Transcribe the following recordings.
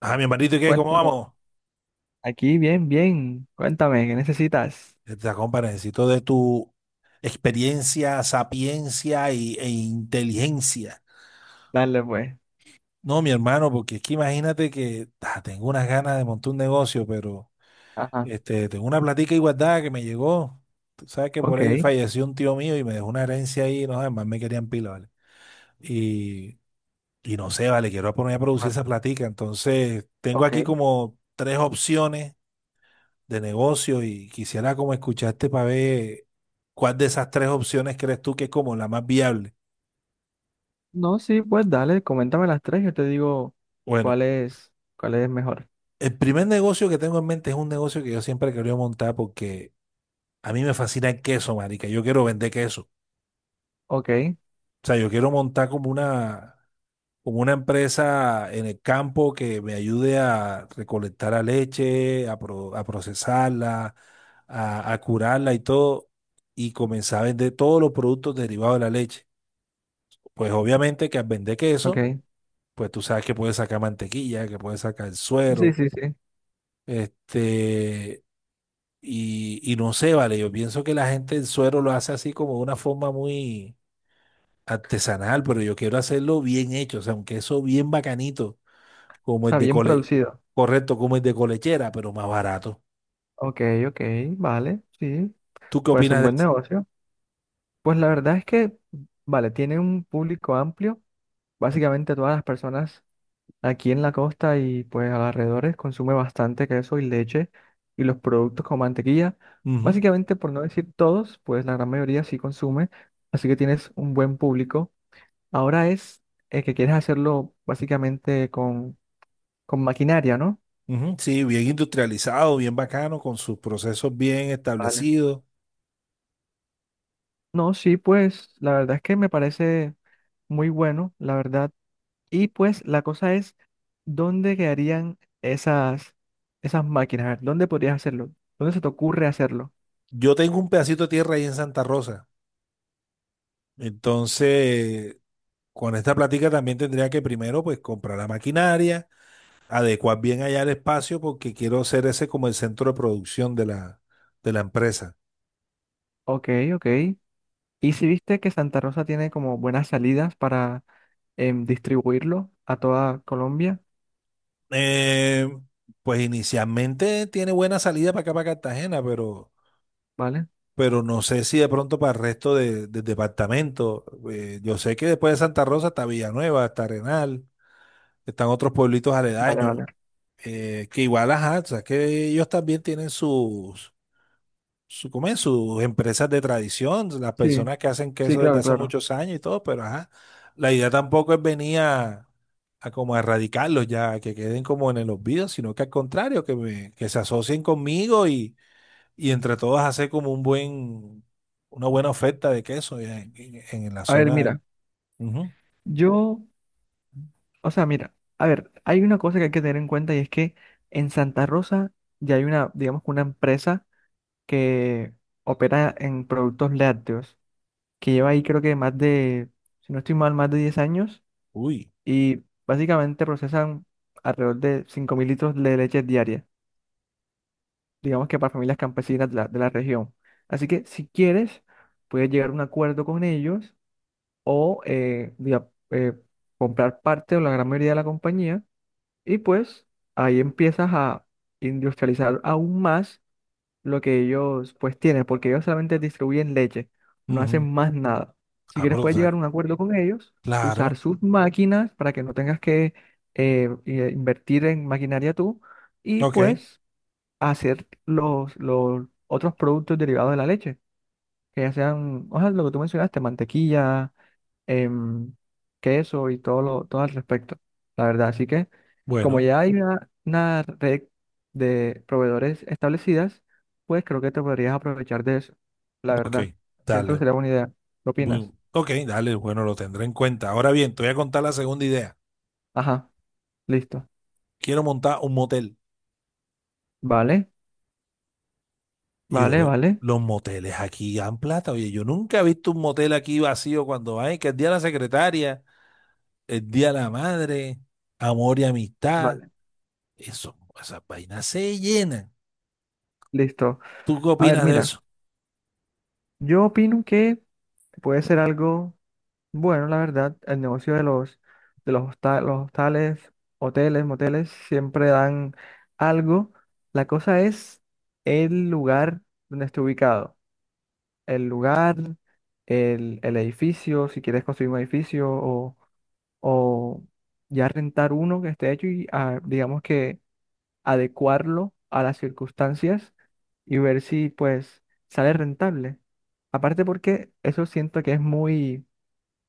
Ah, mi hermanito, ¿y qué? ¿Cómo Cuéntalo. vamos? Aquí, bien, bien. Cuéntame, ¿qué necesitas? Esta compa, necesito de tu experiencia, sapiencia e inteligencia. Dale, pues. No, mi hermano, porque es que imagínate que tengo unas ganas de montar un negocio, pero Ajá. este, tengo una platica igualdad que me llegó. Tú sabes que por Ok. ahí falleció un tío mío y me dejó una herencia ahí, no, además me querían pila, ¿vale? Y, y no sé, vale, quiero poner a producir Bueno, esa platica. Entonces, tengo aquí ok. como tres opciones de negocio y quisiera como escucharte para ver cuál de esas tres opciones crees tú que es como la más viable. No, sí, pues dale, coméntame las tres, yo te digo Bueno, cuál es mejor. el primer negocio que tengo en mente es un negocio que yo siempre he querido montar porque a mí me fascina el queso, marica. Yo quiero vender queso. Ok, O sea, yo quiero montar como una empresa en el campo que me ayude a recolectar la leche, a, a procesarla, a curarla y todo, y comenzar a vender todos los productos derivados de la leche. Pues obviamente que al vender queso, ok. pues tú sabes que puedes sacar mantequilla, que puedes sacar Sí, suero, sí, sí. O este, y no sé, vale, yo pienso que la gente el suero lo hace así como de una forma muy artesanal, pero yo quiero hacerlo bien hecho, o sea, un queso bien bacanito, como el sea, de bien cole, producido. correcto, como el de colechera, pero más barato. Ok, ok, vale, sí. ¿Tú qué Pues un opinas de buen eso? negocio. Pues la verdad es que, vale, tiene un público amplio. Básicamente todas las personas aquí en la costa y pues alrededores consume bastante queso y leche y los productos como mantequilla. Ujú, Básicamente, por no decir todos, pues la gran mayoría sí consume, así que tienes un buen público. Ahora es que quieres hacerlo básicamente con maquinaria, ¿no? ujú, sí, bien industrializado, bien bacano, con sus procesos bien Vale. establecidos. No, sí, pues la verdad es que me parece muy bueno, la verdad. Y pues la cosa es, ¿dónde quedarían esas máquinas? A ver, ¿dónde podrías hacerlo? ¿Dónde se te ocurre hacerlo? Yo tengo un pedacito de tierra ahí en Santa Rosa. Entonces, con esta plática también tendría que primero pues comprar la maquinaria, adecuar bien allá el espacio porque quiero ser ese como el centro de producción de la empresa. Ok, ok. ¿Y si viste que Santa Rosa tiene como buenas salidas para distribuirlo a toda Colombia? Eh, pues inicialmente tiene buena salida para acá, para Cartagena, ¿Vale? pero no sé si de pronto para el resto de, del departamento. Yo sé que después de Santa Rosa está Villanueva, está Arenal, están otros pueblitos Vale, aledaños, vale. Que igual, ajá, o sea, que ellos también tienen sus su, ¿cómo es? Sus empresas de tradición, las Sí, personas que hacen sí, queso desde claro, hace claro. muchos años y todo, pero ajá, la idea tampoco es venir a como a erradicarlos ya, que queden como en el olvido, sino que al contrario, que, que se asocien conmigo y entre todos hacer como un buen, una buena oferta de queso ya en, en la A ver, zona. mira, Ujú. yo, o sea, mira, a ver, hay una cosa que hay que tener en cuenta y es que en Santa Rosa ya hay una, digamos, que una empresa que opera en productos lácteos, que lleva ahí creo que más de, si no estoy mal, más de 10 años Uy, y básicamente procesan alrededor de 5.000 litros de leche diaria. Digamos que para familias campesinas de la región. Así que si quieres, puedes llegar a un acuerdo con ellos o comprar parte o la gran mayoría de la compañía y pues ahí empiezas a industrializar aún más lo que ellos pues tienen, porque ellos solamente distribuyen leche, no ujú. hacen más nada. Si Ah, quieres, pero, o puedes sea, llegar a un acuerdo con ellos, usar claro, sus máquinas para que no tengas que invertir en maquinaria tú y ok, pues a hacer los otros productos derivados de la leche, que ya sean, o sea, lo que tú mencionaste, mantequilla, em, queso y todo al respecto, la verdad. Así que, como bueno, ya hay una red de proveedores establecidas, pues creo que te podrías aprovechar de eso, la ok, verdad. Siento que dale. sería buena idea. ¿Qué opinas? Ok, dale, bueno, lo tendré en cuenta. Ahora bien, te voy a contar la segunda idea. Ajá, listo. Quiero montar un motel. Vale, Y yo vale, veo, vale, los moteles aquí dan plata. Oye, yo nunca he visto un motel aquí vacío cuando hay, que el día de la secretaria, el día de la madre, amor y amistad. vale, Eso, esas vainas se llenan. listo. ¿Tú qué A ver, opinas de mira, eso? yo opino que puede ser algo. Bueno, la verdad, el negocio de los hostales, hoteles, moteles, siempre dan algo. La cosa es el lugar donde esté ubicado. El lugar, el edificio, si quieres construir un edificio o ya rentar uno que esté hecho y digamos que adecuarlo a las circunstancias y ver si pues sale rentable. Aparte porque eso siento que es muy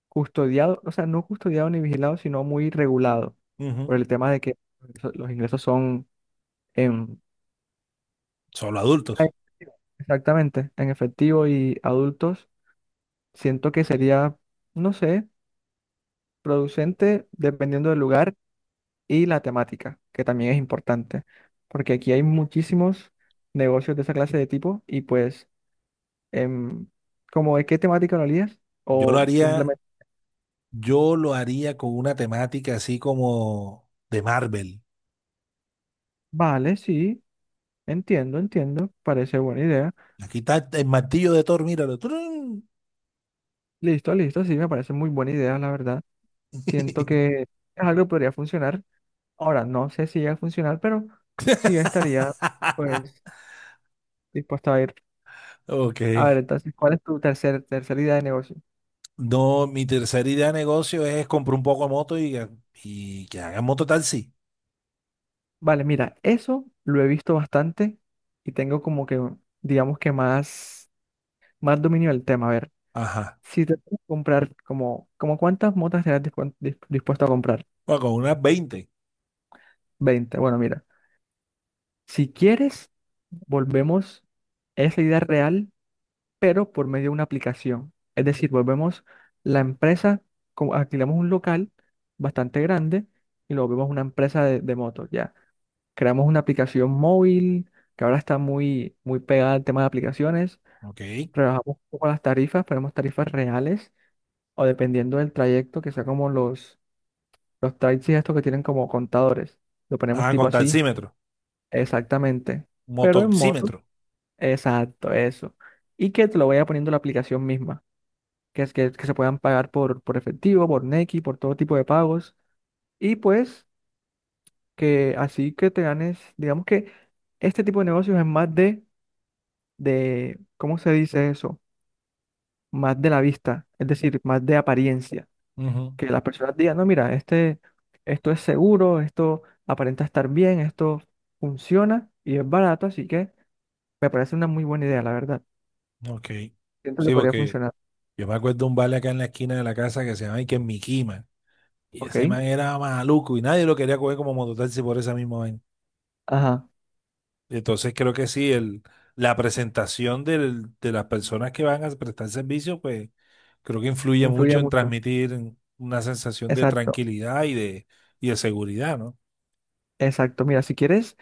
custodiado, o sea, no custodiado ni vigilado, sino muy regulado Ujú. por el tema de que los ingresos son en... Solo Ah, en adultos. efectivo. Exactamente, en efectivo y adultos. Siento que sería, no sé, producente dependiendo del lugar y la temática, que también es importante, porque aquí hay muchísimos negocios de esa clase de tipo y pues, em, como de qué temática lo harías, Yo lo o haría, simplemente, yo lo haría con una temática así como de Marvel. vale, sí, entiendo, entiendo, parece buena idea. Aquí está el martillo de Thor, míralo. ¡Trun! Listo, listo, sí, me parece muy buena idea, la verdad. Siento que es algo que podría funcionar. Ahora, no sé si llega a funcionar, pero sí yo estaría, pues, dispuesto a ir. Ok. A ver, entonces, ¿cuál es tu tercera idea de negocio? No, mi tercera idea de negocio es comprar un poco de moto y, y que hagan mototaxi. Vale, mira, eso lo he visto bastante y tengo como que, digamos que más dominio del tema. A ver, Ajá. si te puedes comprar, como, como ¿cuántas motas serás dispuesto a comprar? Bueno, con unas 20. 20. Bueno, mira, si quieres, volvemos, es la idea real pero por medio de una aplicación. Es decir, volvemos la empresa, como alquilamos un local bastante grande y lo volvemos una empresa de motos, ya. Creamos una aplicación móvil que ahora está muy pegada al tema de aplicaciones. Ok. Rebajamos un poco las tarifas, ponemos tarifas reales o dependiendo del trayecto, que sea como los taxis estos que tienen como contadores. Lo ponemos Ah, tipo con así, taxímetro. exactamente. Pero en moto, Motoxímetro. exacto, eso. Y que te lo vaya poniendo la aplicación misma. Que se puedan pagar por efectivo, por Nequi, por todo tipo de pagos. Y pues que así que te ganes, digamos que este tipo de negocios es más de ¿cómo se dice eso? Más de la vista, es decir, más de apariencia. Ujú. Que las personas digan, no, mira, este, esto es seguro, esto aparenta estar bien, esto funciona y es barato, así que me parece una muy buena idea, la verdad. Ok. Siento que Sí, podría porque funcionar, yo me acuerdo de un vale acá en la esquina de la casa que se llama Iker Mikima. Y ¿ok? ese man era maluco y nadie lo quería coger como mototaxi por esa misma vaina. Ajá, Entonces creo que sí, el, la presentación de las personas que van a prestar servicio, pues creo que influye influye mucho en mucho. transmitir una sensación de Exacto, tranquilidad y de seguridad, ¿no? exacto. Mira, si quieres...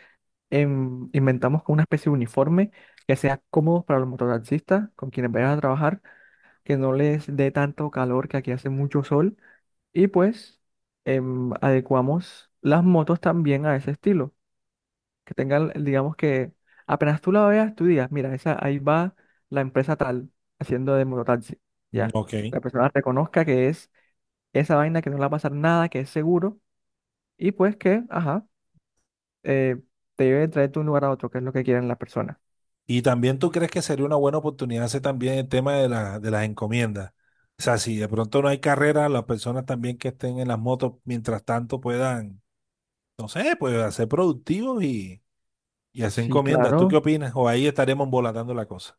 inventamos como una especie de uniforme que sea cómodo para los mototaxistas con quienes vayan a trabajar, que no les dé tanto calor, que aquí hace mucho sol, y pues adecuamos las motos también a ese estilo, que tengan, digamos que apenas tú la veas, tú digas, mira, esa, ahí va la empresa tal haciendo de mototaxi, Mm, ya. ok. La persona reconozca que es esa vaina, que no le va a pasar nada, que es seguro, y pues que, ajá, eh, te lleve a de un lugar a otro, que es lo que quieren las personas. Y también tú crees que sería una buena oportunidad hacer también el tema de, la, de las encomiendas. O sea, si de pronto no hay carrera, las personas también que estén en las motos, mientras tanto puedan, no sé, pues ser productivos y hacer Sí, encomiendas. ¿Tú qué claro. opinas? O ahí estaremos embolatando la cosa.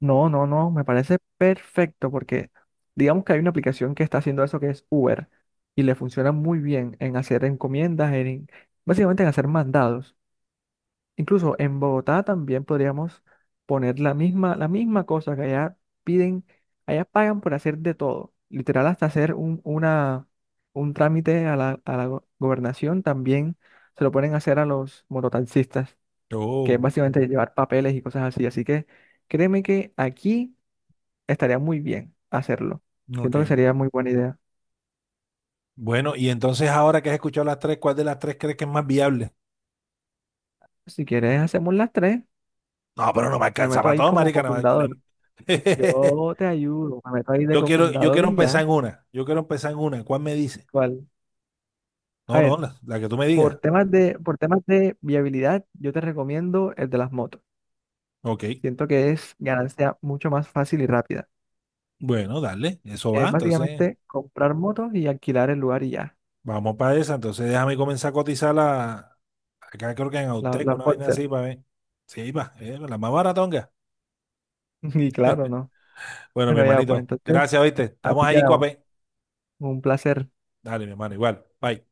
No, no, no, me parece perfecto porque digamos que hay una aplicación que está haciendo eso que es Uber y le funciona muy bien en hacer encomiendas, en, básicamente en hacer mandados. Incluso en Bogotá también podríamos poner la misma cosa que allá piden, allá pagan por hacer de todo. Literal hasta hacer un trámite a la gobernación también se lo ponen a hacer a los mototaxistas. Que es Oh, básicamente llevar papeles y cosas así. Así que créeme que aquí estaría muy bien hacerlo. ok. Siento que sería muy buena idea. Bueno, y entonces ahora que has escuchado las tres, ¿cuál de las tres crees que es más viable? Si quieres, hacemos las tres. No, pero no me Me alcanza meto para ahí todo, como marica. No me alcanza. cofundador. Yo te ayudo, me meto ahí de Yo quiero, yo cofundador quiero y empezar ya. en una. Yo quiero empezar en una. ¿Cuál me dice? ¿Cuál? A No, no, ver, la que tú me digas. Por temas de viabilidad, yo te recomiendo el de las motos. Ok. Siento que es ganancia mucho más fácil y rápida, Bueno, dale. Eso que va. es Entonces, básicamente comprar motos y alquilar el lugar y ya, vamos para esa. Entonces, déjame comenzar a cotizar la. Acá creo que en Autec, la una vaina Boxer. así para ver. Sí, va. La más baratonga. Y claro, ¿no? Bueno, mi Bueno, ya, pues hermanito. entonces, Gracias, ¿viste? Estamos así allí, quedamos. cuapé. Un placer. Dale, mi hermano, igual. Bye.